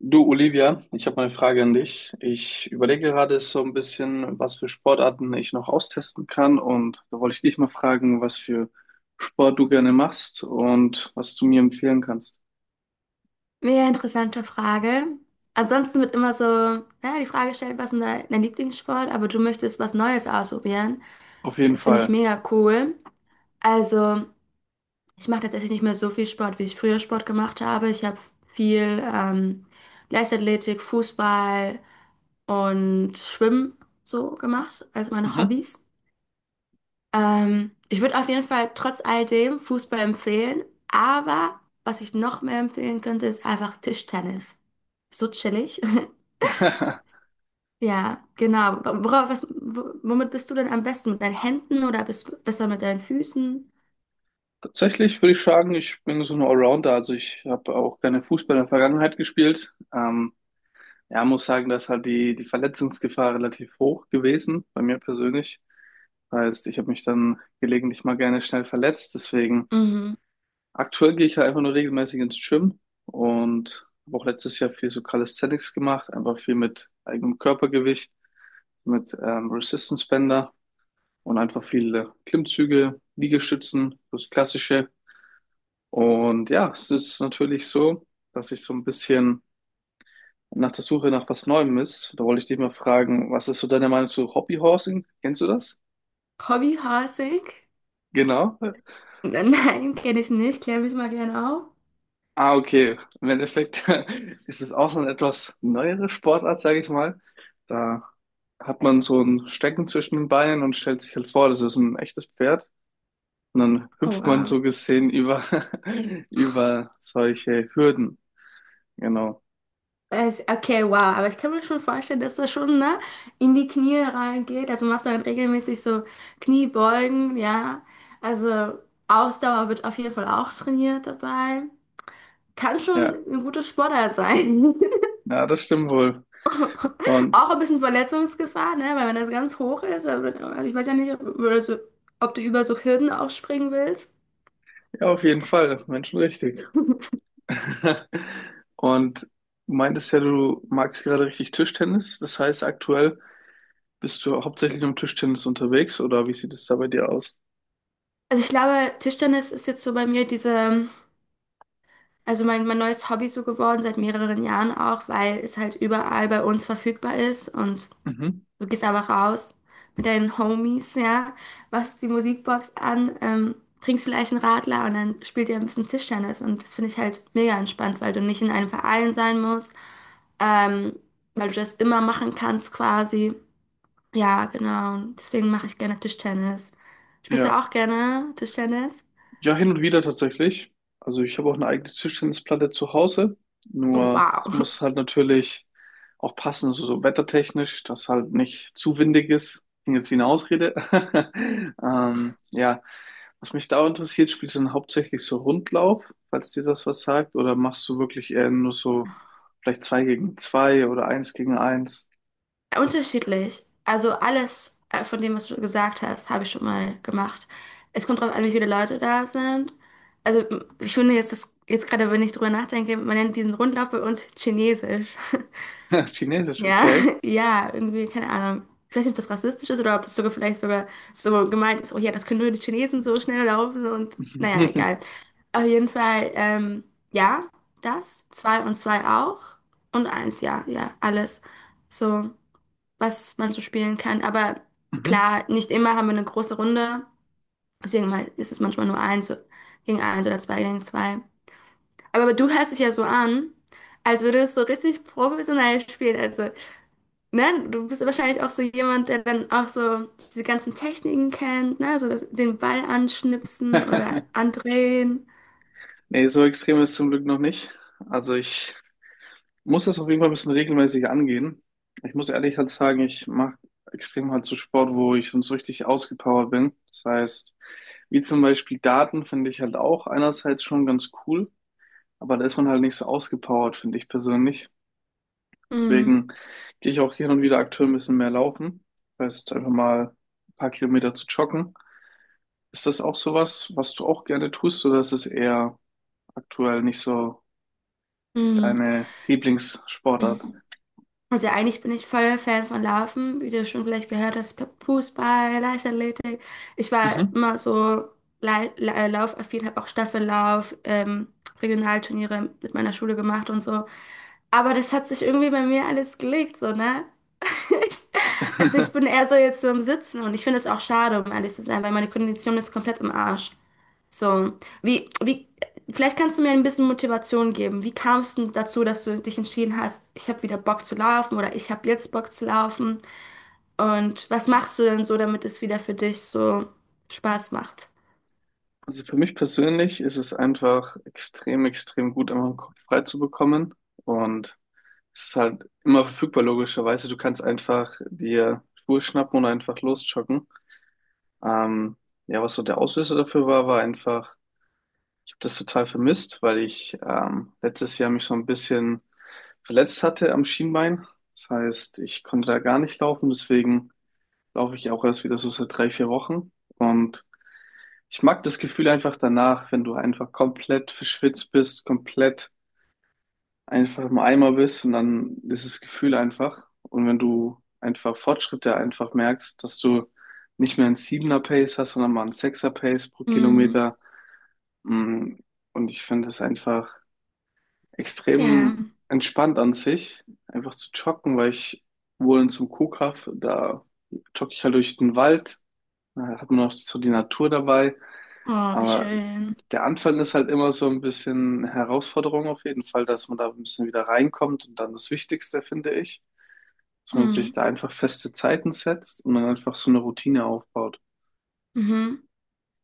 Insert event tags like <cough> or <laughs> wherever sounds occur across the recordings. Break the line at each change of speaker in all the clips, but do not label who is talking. Du, Olivia, ich habe mal eine Frage an dich. Ich überlege gerade so ein bisschen, was für Sportarten ich noch austesten kann. Und da wollte ich dich mal fragen, was für Sport du gerne machst und was du mir empfehlen kannst.
Mega interessante Frage. Ansonsten wird immer so, ja, die Frage gestellt, was ist dein Lieblingssport, aber du möchtest was Neues ausprobieren.
Auf jeden
Das finde ich
Fall.
mega cool. Also, ich mache tatsächlich nicht mehr so viel Sport, wie ich früher Sport gemacht habe. Ich habe viel Leichtathletik, Fußball und Schwimmen so gemacht, als meine
Mhm.
Hobbys. Ich würde auf jeden Fall trotz all dem Fußball empfehlen, aber was ich noch mehr empfehlen könnte, ist einfach Tischtennis. So chillig. <laughs>
<laughs>
Ja, genau. Worauf, was, womit bist du denn am besten? Mit deinen Händen oder bist du besser mit deinen Füßen?
Tatsächlich würde ich sagen, ich bin so ein Allrounder. Also ich habe auch gerne Fußball in der Vergangenheit gespielt. Ja, muss sagen, da ist halt die Verletzungsgefahr relativ hoch gewesen, bei mir persönlich. Heißt, ich habe mich dann gelegentlich mal gerne schnell verletzt. Deswegen
Mhm.
aktuell gehe ich halt einfach nur regelmäßig ins Gym und habe auch letztes Jahr viel so Calisthenics gemacht, einfach viel mit eigenem Körpergewicht, mit Resistance Bänder und einfach viele Klimmzüge, Liegestützen, das Klassische. Und ja, es ist natürlich so, dass ich so ein bisschen nach der Suche nach was Neuem ist. Da wollte ich dich mal fragen, was ist so deine Meinung zu Hobbyhorsing? Kennst du das?
Hobbyhorsing?
Genau.
<laughs> Nein, kenne ich nicht. Klär mich mal gerne auf.
Ah, okay. Im Endeffekt <laughs> ist es auch so eine etwas neuere Sportart, sage ich mal. Da hat man so ein Stecken zwischen den Beinen und stellt sich halt vor, das ist ein echtes Pferd. Und dann
Oh,
hüpft man
wow.
so gesehen über, <laughs> über solche Hürden. Genau.
Okay, wow. Aber ich kann mir schon vorstellen, dass das schon, ne, in die Knie reingeht. Also machst du dann regelmäßig so Kniebeugen, ja. Also Ausdauer wird auf jeden Fall auch trainiert dabei. Kann schon
Ja,
ein guter Sportart sein. <laughs>
ja, das stimmt wohl.
<laughs>
Und
Auch ein bisschen Verletzungsgefahr, ne? Weil wenn das ganz hoch ist, also ich weiß ja nicht, ob, oder so, ob du über so Hürden auch springen willst.
ja, auf jeden Fall, Menschen richtig. <laughs> Und du meintest ja, du magst gerade richtig Tischtennis. Das heißt, aktuell bist du hauptsächlich im Tischtennis unterwegs oder wie sieht es da bei dir aus?
Also ich glaube, Tischtennis ist jetzt so bei mir diese, also mein neues Hobby so geworden, seit mehreren Jahren auch, weil es halt überall bei uns verfügbar ist und
Mhm.
du gehst einfach raus mit deinen Homies, ja, machst die Musikbox an, trinkst vielleicht einen Radler und dann spielt ihr ein bisschen Tischtennis und das finde ich halt mega entspannt, weil du nicht in einem Verein sein musst. ähm, Weil du das immer machen kannst quasi. Ja, genau. Und deswegen mache ich gerne Tischtennis. Spielst du
Ja.
auch gerne Tischtennis?
Ja, hin und wieder tatsächlich. Also ich habe auch eine eigene Tischtennisplatte zu Hause.
Oh,
Nur es
wow.
muss halt natürlich auch passen, so, so wettertechnisch, dass halt nicht zu windig ist. Klingt jetzt wie eine Ausrede. <laughs> Ja. Was mich da interessiert, spielst du dann hauptsächlich so Rundlauf, falls dir das was sagt, oder machst du wirklich eher nur so vielleicht zwei gegen zwei oder eins gegen eins?
<laughs> Unterschiedlich. Also alles von dem, was du gesagt hast, habe ich schon mal gemacht. Es kommt darauf an, wie viele Leute da sind. Also ich finde jetzt, das, jetzt gerade, wenn ich drüber nachdenke, man nennt diesen Rundlauf bei uns Chinesisch. <laughs>
<laughs> Chinesisch,
Ja,
okay.
<laughs> ja, irgendwie, keine Ahnung. Ich weiß nicht, ob das rassistisch ist oder ob das sogar vielleicht sogar so gemeint ist, oh ja, das können nur die Chinesen so schnell laufen und naja,
<laughs>
egal. Auf jeden Fall, ja, das, zwei und zwei auch und eins, ja, ja, alles. So, was man so spielen kann. Aber
Mhm.
klar, nicht immer haben wir eine große Runde, deswegen ist es manchmal nur eins gegen eins oder zwei gegen zwei. Aber du hörst dich ja so an, als würdest du so richtig professionell spielen. Also ne, du bist ja wahrscheinlich auch so jemand, der dann auch so diese ganzen Techniken kennt, ne, so das, den Ball anschnipsen oder
<laughs>
andrehen.
Nee, so extrem ist es zum Glück noch nicht. Also ich muss das auf jeden Fall ein bisschen regelmäßig angehen. Ich muss ehrlich halt sagen, ich mache extrem halt so Sport, wo ich sonst richtig ausgepowert bin. Das heißt, wie zum Beispiel Daten finde ich halt auch einerseits schon ganz cool, aber da ist man halt nicht so ausgepowert, finde ich persönlich.
Mhm.
Deswegen gehe ich auch hin und wieder aktuell ein bisschen mehr laufen. Das heißt, einfach mal ein paar Kilometer zu joggen. Ist das auch sowas, was du auch gerne tust, oder ist es eher aktuell nicht so
Mhm.
deine Lieblingssportart.
Also eigentlich bin ich voll Fan von Laufen, wie du schon vielleicht gehört hast, Fußball, Leichtathletik. Ich war
Mhm.
immer so laufaffin, habe auch Staffellauf, Regionalturniere mit meiner Schule gemacht und so. Aber das hat sich irgendwie bei mir alles gelegt, so, ne? <laughs> Ich, also ich bin
<laughs>
eher so jetzt so im Sitzen und ich finde es auch schade, um ehrlich zu sein, weil meine Kondition ist komplett im Arsch. So, wie, wie, vielleicht kannst du mir ein bisschen Motivation geben. Wie kamst du dazu, dass du dich entschieden hast, ich habe wieder Bock zu laufen oder ich habe jetzt Bock zu laufen? Und was machst du denn so, damit es wieder für dich so Spaß macht?
Also für mich persönlich ist es einfach extrem, extrem gut, immer den Kopf frei zu bekommen. Und es ist halt immer verfügbar, logischerweise. Du kannst einfach dir Schuhe schnappen und einfach losjoggen. Ähm, ja, was so der Auslöser dafür war, war einfach, ich habe das total vermisst, weil ich letztes Jahr mich so ein bisschen verletzt hatte am Schienbein. Das heißt, ich konnte da gar nicht laufen. Deswegen laufe ich auch erst wieder so seit drei, vier Wochen. Und ich mag das Gefühl einfach danach, wenn du einfach komplett verschwitzt bist, komplett einfach im Eimer bist und dann dieses Gefühl einfach. Und wenn du einfach Fortschritte einfach merkst, dass du nicht mehr einen 7 Pace hast, sondern mal einen 6 Pace pro
Mhm.
Kilometer. Mm, Und ich finde es einfach
Ja.
extrem entspannt an sich, einfach zu joggen, weil ich wohl in zum Kuhkaff, da jogge ich halt durch den Wald. Ja, da hat man auch so die Natur dabei.
Oh, wie
Aber
schön.
der Anfang ist halt immer so ein bisschen Herausforderung auf jeden Fall, dass man da ein bisschen wieder reinkommt. Und dann das Wichtigste, finde ich, dass man
Hm.
sich da einfach feste Zeiten setzt und dann einfach so eine Routine aufbaut.
Mhm.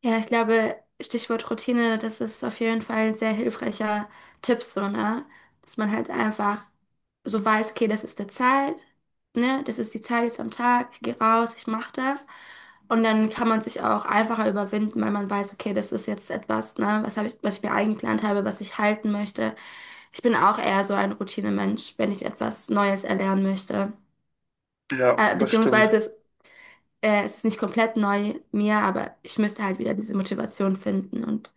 Ja, ich glaube, Stichwort Routine, das ist auf jeden Fall ein sehr hilfreicher Tipp, so, ne? Dass man halt einfach so weiß, okay, das ist der Zeit, ne? Das ist die Zeit jetzt am Tag, ich gehe raus, ich mache das. Und dann kann man sich auch einfacher überwinden, weil man weiß, okay, das ist jetzt etwas, ne? Was habe ich, was ich mir eingeplant habe, was ich halten möchte. Ich bin auch eher so ein Routinemensch, wenn ich etwas Neues erlernen möchte.
Ja,
Äh,
das stimmt.
beziehungsweise es äh, es ist nicht komplett neu mir, aber ich müsste halt wieder diese Motivation finden. Und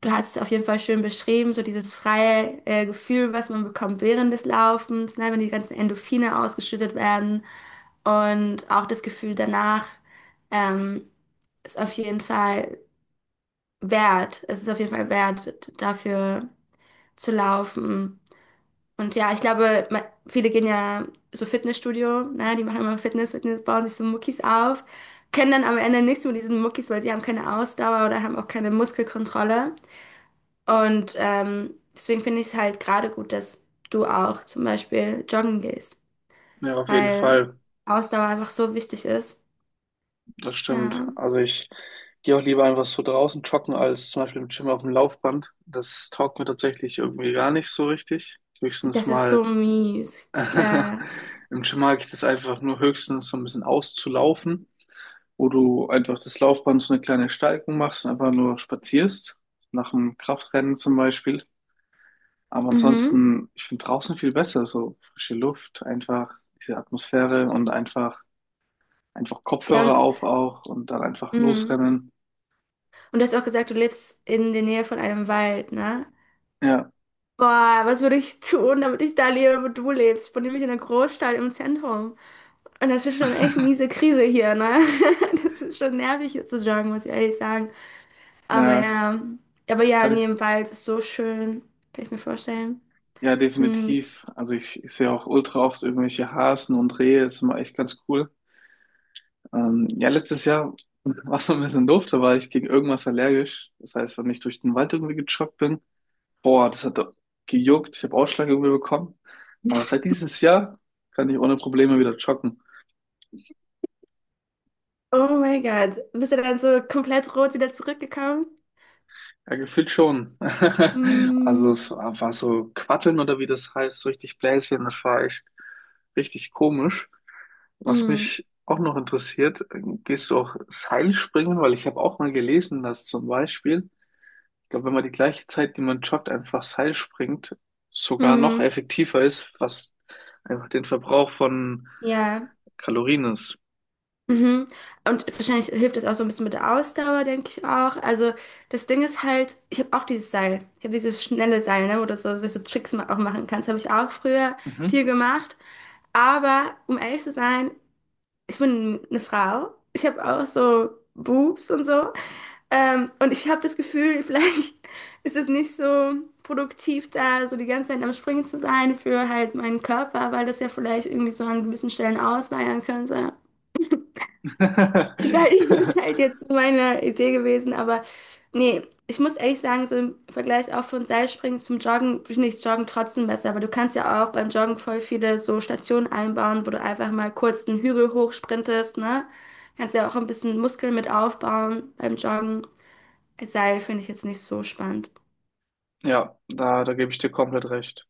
du hast es auf jeden Fall schön beschrieben, so dieses freie Gefühl, was man bekommt während des Laufens, ne, wenn die ganzen Endorphine ausgeschüttet werden und auch das Gefühl danach ähm, ist auf jeden Fall wert. Es ist auf jeden Fall wert, dafür zu laufen. Und ja, ich glaube, viele gehen ja so Fitnessstudio, ne? Die machen immer Fitness, Fitness, bauen sich so Muckis auf, können dann am Ende nichts mit diesen Muckis, weil sie haben keine Ausdauer oder haben auch keine Muskelkontrolle. Und deswegen finde ich es halt gerade gut, dass du auch zum Beispiel joggen gehst,
Ja, auf jeden
weil
Fall.
Ausdauer einfach so wichtig ist.
Das stimmt.
Ja,
Also ich gehe auch lieber einfach so draußen joggen, als zum Beispiel im Gym auf dem Laufband. Das taugt mir tatsächlich irgendwie gar nicht so richtig. Höchstens
das ist
mal.
so mies. Ja.
<laughs> Im Gym mag ich das einfach nur höchstens so ein bisschen auszulaufen, wo du einfach das Laufband so eine kleine Steigung machst und einfach nur spazierst, nach dem Kraftrennen zum Beispiel. Aber
Mhm.
ansonsten, ich finde draußen viel besser, so frische Luft, einfach diese Atmosphäre und einfach, einfach
Ja,
Kopfhörer
und,
auf auch und dann einfach
mhm.
losrennen.
Und du hast auch gesagt, du lebst in der Nähe von einem Wald, ne?
Ja,
Boah, was würde ich tun, damit ich da lebe, wo du lebst? Ich bin nämlich in einer Großstadt im Zentrum. Und das ist schon echt miese Krise hier, ne? <laughs> Das ist schon nervig hier zu joggen, muss ich ehrlich sagen. Aber
ja,
ja, aber ja,
kann
in
ich,
jedem Wald ist so schön. Kann ich mir vorstellen.
ja,
Hm.
definitiv. Also ich sehe auch ultra oft irgendwelche Hasen und Rehe, ist immer echt ganz cool. Ja, letztes Jahr war es ein bisschen doof, da war ich gegen irgendwas allergisch. Das heißt, wenn ich durch den Wald irgendwie gejoggt bin, boah, das hat gejuckt, ich habe Ausschlag irgendwie bekommen. Aber seit dieses Jahr kann ich ohne Probleme wieder joggen.
Oh mein Gott. Bist du dann so komplett rot wieder zurückgekommen?
Ja, gefühlt schon. <laughs> Also es
Hm.
war, war so Quatteln oder wie das heißt, so richtig Bläschen, das war echt richtig komisch. Was
Hm.
mich auch noch interessiert, gehst du auch Seilspringen? Weil ich habe auch mal gelesen, dass zum Beispiel ich glaube, wenn man die gleiche Zeit, die man joggt, einfach Seil springt, sogar noch
Hm.
effektiver ist, was einfach den Verbrauch von
Ja.
Kalorien ist.
Mhm. Und wahrscheinlich hilft das auch so ein bisschen mit der Ausdauer, denke ich auch. Also das Ding ist halt, ich habe auch dieses Seil. Ich habe dieses schnelle Seil, ne, wo du so Tricks auch machen kannst. Habe ich auch früher
Mhm.
viel gemacht. Aber um ehrlich zu sein, ich bin eine Frau. Ich habe auch so Boobs und so. Und ich habe das Gefühl, <laughs> vielleicht ist es nicht so produktiv, da so die ganze Zeit am Springen zu sein für halt meinen Körper, weil das ja vielleicht irgendwie so an gewissen Stellen ausleiern könnte. Ist halt, <laughs> ist halt
<laughs>
jetzt meine Idee gewesen, aber nee, ich muss ehrlich sagen, so im Vergleich auch von Seilspringen zum Joggen finde ich Joggen trotzdem besser, aber du kannst ja auch beim Joggen voll viele so Stationen einbauen, wo du einfach mal kurz einen Hügel hochsprintest, ne? Kannst ja auch ein bisschen Muskeln mit aufbauen beim Joggen. Seil finde ich jetzt nicht so spannend.
Ja, da, da gebe ich dir komplett recht.